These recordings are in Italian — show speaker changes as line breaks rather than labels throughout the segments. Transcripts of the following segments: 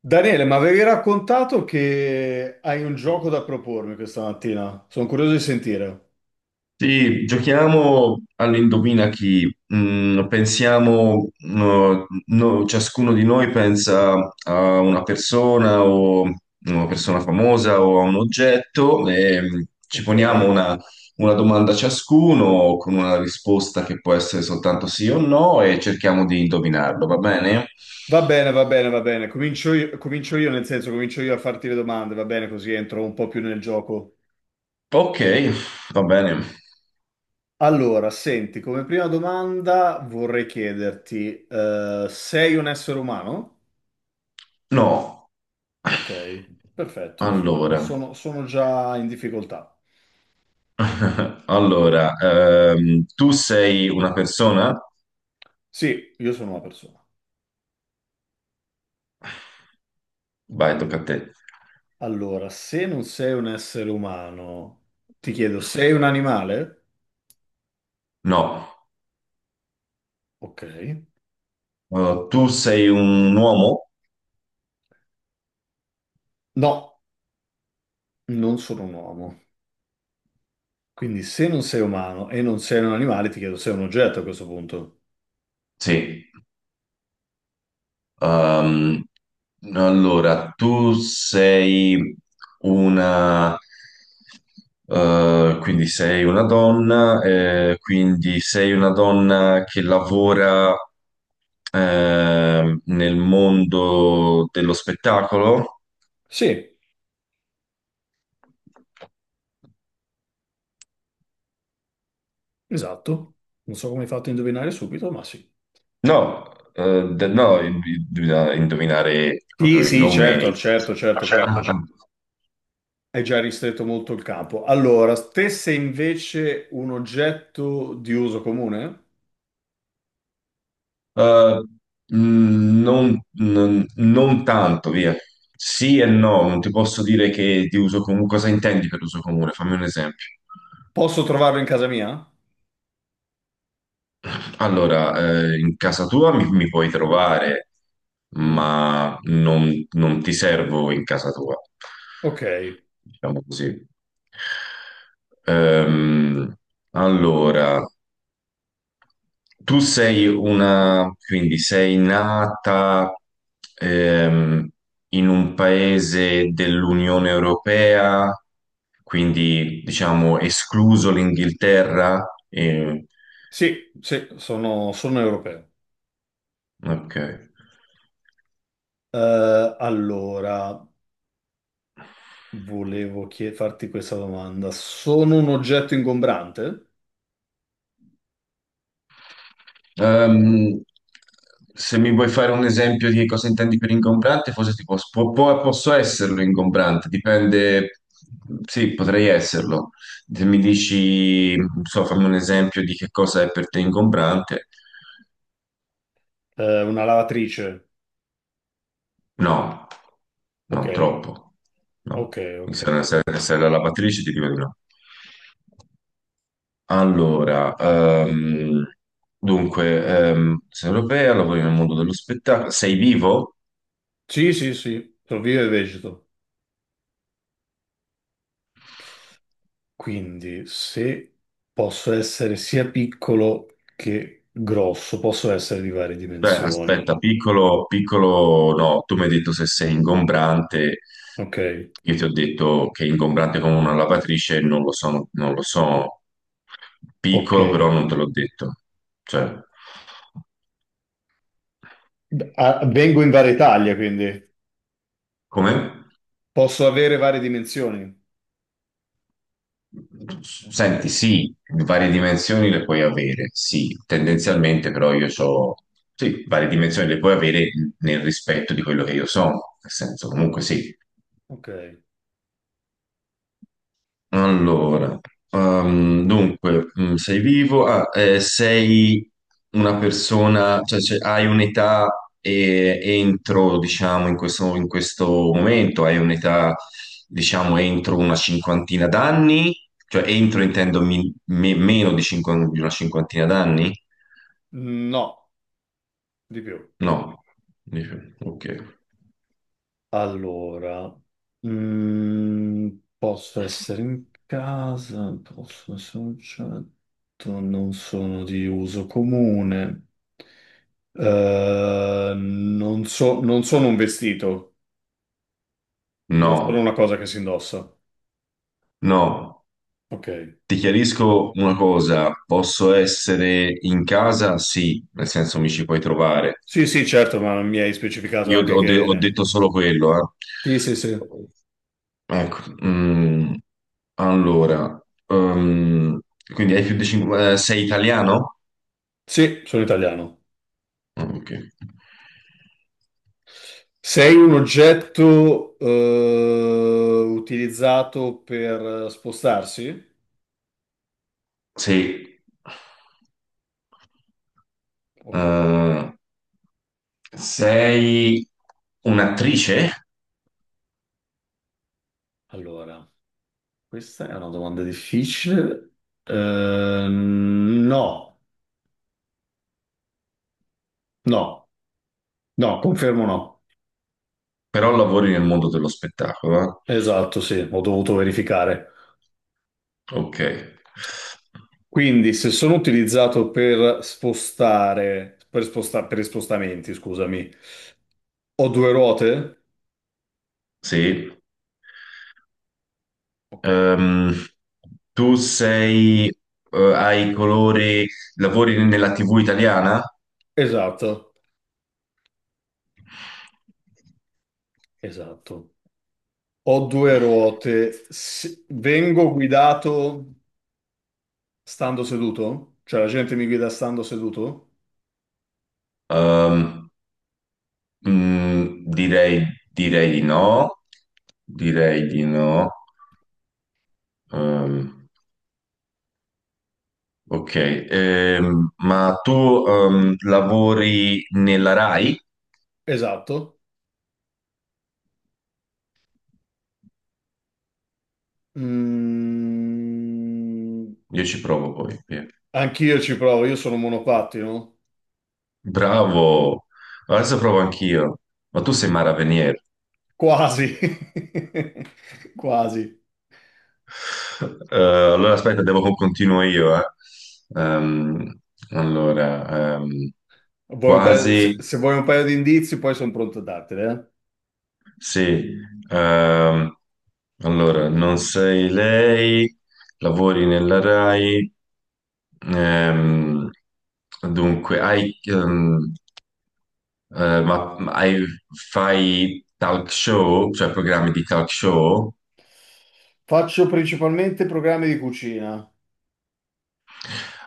Daniele, ma avevi raccontato che hai un gioco da propormi questa mattina? Sono curioso di sentire.
Sì, giochiamo all'indovina chi. Pensiamo, ciascuno di noi pensa a una persona o una persona famosa o a un oggetto e ci
Ok.
poniamo una domanda ciascuno con una risposta che può essere soltanto sì o no e cerchiamo di indovinarlo, va bene?
Va bene, va bene, va bene. Comincio io, nel senso, comincio io a farti le domande, va bene, così entro un po' più nel gioco.
Ok, va bene.
Allora, senti, come prima domanda vorrei chiederti, sei un essere umano?
No.
Ok, perfetto,
Allora.
sono già in difficoltà.
Allora, tu sei una persona?
Sì, io sono una persona.
Vai, tocca a te.
Allora, se non sei un essere umano, ti chiedo, sei un animale?
No.
Ok.
Tu sei un uomo?
No, non sono un uomo. Quindi se non sei umano e non sei un animale, ti chiedo, sei un oggetto a questo punto?
Sì.
Ok.
Ehm, allora, tu sei una... quindi sei una donna che lavora nel mondo dello spettacolo?
Sì, esatto. Non so come hai fatto a indovinare subito, ma sì.
No, no, bisogna indovinare proprio
Sì,
il
sì,
nome.
certo, certo,
Ma
certo, però
certo, ah, certo.
hai già ristretto molto il campo. Allora, te sei invece un oggetto di uso comune?
Ah. Non tanto, via. Sì e no, non ti posso dire che di uso comune. Cosa intendi per uso comune? Fammi un esempio.
Posso trovarlo in casa mia?
Allora, in casa tua mi puoi trovare,
Mm,
ma non ti servo in casa tua.
ok.
Diciamo così. Ehm, allora. Tu sei una, quindi sei nata ehm, in un paese dell'Unione Europea, quindi diciamo escluso l'Inghilterra.
Sì, sì, sono, sono europeo.
Ok.
Allora, farti questa domanda. Sono un oggetto ingombrante?
Ehm, se mi vuoi fare un esempio di cosa intendi per ingombrante, forse ti posso esserlo ingombrante, dipende, sì, potrei esserlo. Se mi dici, non so, fammi un esempio di che cosa è per te ingombrante,
Una lavatrice?
no,
Ok,
no, troppo, no.
ok, ok.
Se non sei la lavatrice, ti dico di no. Allora, dunque, sei europea, lavori nel mondo dello spettacolo, sei vivo?
Sì, sì, sì, sono vivo e vegeto. Quindi, se posso essere sia piccolo che grosso, posso essere di varie
Beh,
dimensioni.
aspetta, piccolo piccolo, no, tu mi hai detto se sei ingombrante,
Ok,
io ti ho detto che è ingombrante come una lavatrice, non lo so, non lo so,
ok.
piccolo però non te l'ho detto, cioè,
Ah, vengo in varie taglie, quindi.
come?
Posso avere varie dimensioni?
Senti, sì, varie dimensioni le puoi avere, sì, tendenzialmente però io ho, sì, varie dimensioni le puoi avere nel rispetto di quello che io sono, nel senso comunque sì.
Ok.
Allora, dunque, sei vivo, ah, sei una persona, cioè, se hai un'età entro, diciamo, in questo momento, hai un'età, diciamo, entro una cinquantina d'anni, cioè entro intendo meno di, di una cinquantina d'anni?
No. Di più.
No, dice, ok,
Allora, mm, posso essere in casa, posso essere un oggetto, non sono di uso comune. Non sono un vestito, non sono una
no,
cosa che si indossa.
no.
Ok.
Ti chiarisco una cosa, posso essere in casa? Sì, nel senso mi ci puoi trovare.
Sì, sì, certo, ma mi hai specificato
Io
anche
ho
che...
detto solo quello, eh.
Sì, sì, sì.
Ecco, mm, allora, ehm, quindi hai più di 5. Sei italiano?
Sì, sono italiano.
Ah, ok.
Sei un oggetto, utilizzato per spostarsi?
Sì.
Ok,
Eh, sei un'attrice?
allora, questa è una domanda difficile. No, no, no, confermo no.
Però lavori nel mondo dello spettacolo, eh?
Esatto, sì, ho dovuto verificare.
Ok.
Quindi, se sono utilizzato per spostare, per i spostamenti, scusami, ho due ruote?
Sì.
Ok,
Ehm, tu sei, hai colori, lavori nella TV italiana?
esatto, esatto. Ho due ruote. Vengo guidato stando seduto? Cioè, la gente mi guida stando seduto?
Ehm, direi di no, direi di no. Ehm, ok. Ma tu lavori nella Rai?
Esatto. Mm,
Io ci provo poi, via.
anch'io ci provo, io sono monopattino.
Bravo, adesso provo anch'io. Ma tu sei Mara Venier.
Quasi. Quasi.
Allora aspetta, devo continuo io, eh. Ehm, allora,
Se,
quasi
se vuoi un paio di indizi, poi sono pronto a darteli, eh.
sì. Ehm, allora, non sei lei, lavori nella RAI, ehm, dunque, hai, eh, ma, ma hai- fai talk show, cioè programmi di talk show?
Faccio principalmente programmi di cucina.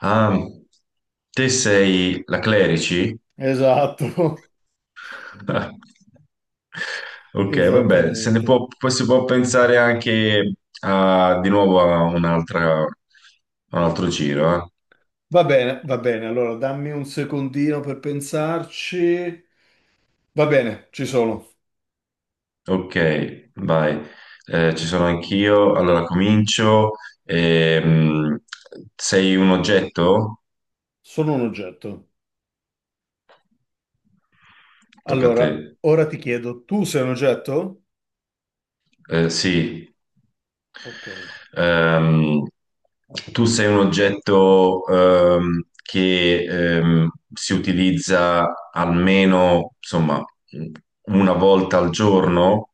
Ah, te sei la Clerici?
Esatto,
Ok, vabbè, se ne
esattamente.
può, poi si può pensare anche a, di nuovo a un'altra, a un altro giro, eh.
Va bene, va bene. Allora, dammi un secondino per pensarci. Va bene, ci sono.
Ok, vai. Ci sono anch'io, allora comincio. Ehm, sei un oggetto?
Sono un oggetto.
Tocca a te.
Allora, ora ti chiedo, tu sei un oggetto?
Sì.
Ok.
Ehm, tu sei un oggetto che si utilizza almeno, insomma, una volta al giorno,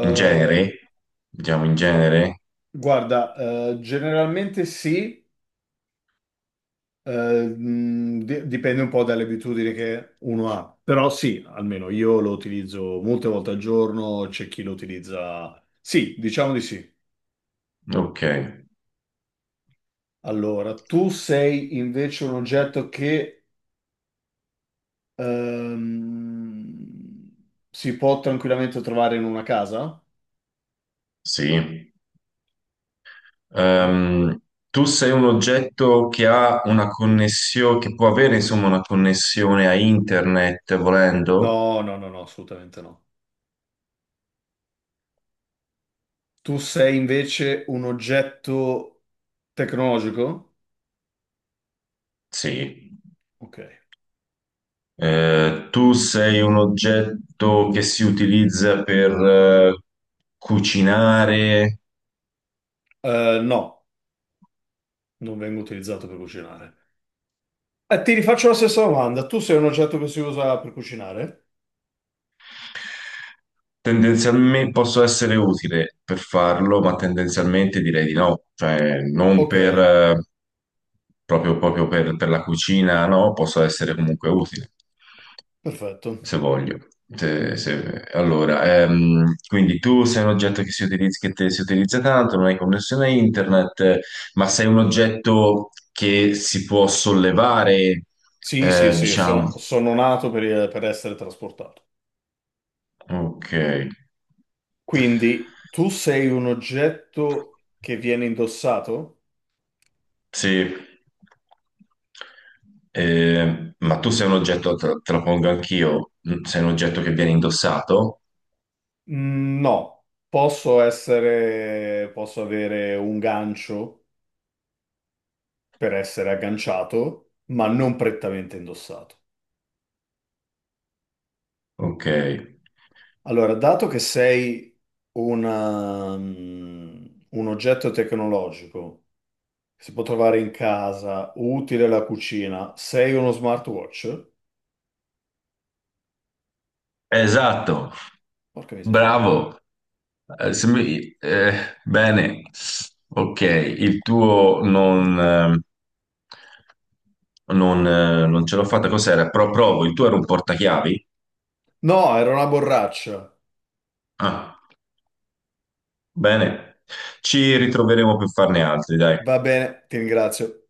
in genere, diciamo in genere.
guarda, generalmente sì, eh, dipende un po' dalle abitudini che uno ha, però sì, almeno io lo utilizzo molte volte al giorno, c'è chi lo utilizza. Sì, diciamo di sì.
Ok,
Allora, tu sei invece un oggetto che si può tranquillamente trovare in una casa?
sì.
Ok.
Ehm, tu sei un oggetto che ha una connessione, che può avere, insomma, una connessione a internet, volendo?
No, no, no, no, assolutamente no. Tu sei invece un oggetto tecnologico?
Sì.
Ok.
Tu sei un oggetto che si utilizza per cucinare.
No, non vengo utilizzato per cucinare. Ti rifaccio la stessa domanda. Tu sei un oggetto che si usa per cucinare?
Tendenzialmente posso essere utile per farlo, ma tendenzialmente direi di no, cioè non
Ok,
per proprio, proprio per la cucina, no, posso essere comunque utile,
perfetto.
se voglio. Allora, quindi tu sei un oggetto che si utilizza, si utilizza tanto, non hai connessione a internet, ma sei un oggetto che si può sollevare,
Sì, sì, sì,
diciamo.
sono, sono nato per essere trasportato.
Ok,
Quindi tu sei un oggetto che viene indossato?
sì. Ma tu sei un oggetto, te lo pongo anch'io, sei un oggetto che viene indossato?
Mm, no, posso essere, posso avere un gancio per essere agganciato, ma non prettamente indossato.
Ok.
Allora, dato che sei una, mm, un oggetto tecnologico che si può trovare in casa, utile alla cucina, sei uno smartwatch?
Esatto.
Porca miseria.
Bravo. Se mi- bene. Ok, il tuo non, non ce l'ho fatta. Cos'era? Provo, il tuo era un portachiavi?
No, era una borraccia.
Ah, bene. Ci ritroveremo per farne altri, dai.
Va bene, ti ringrazio.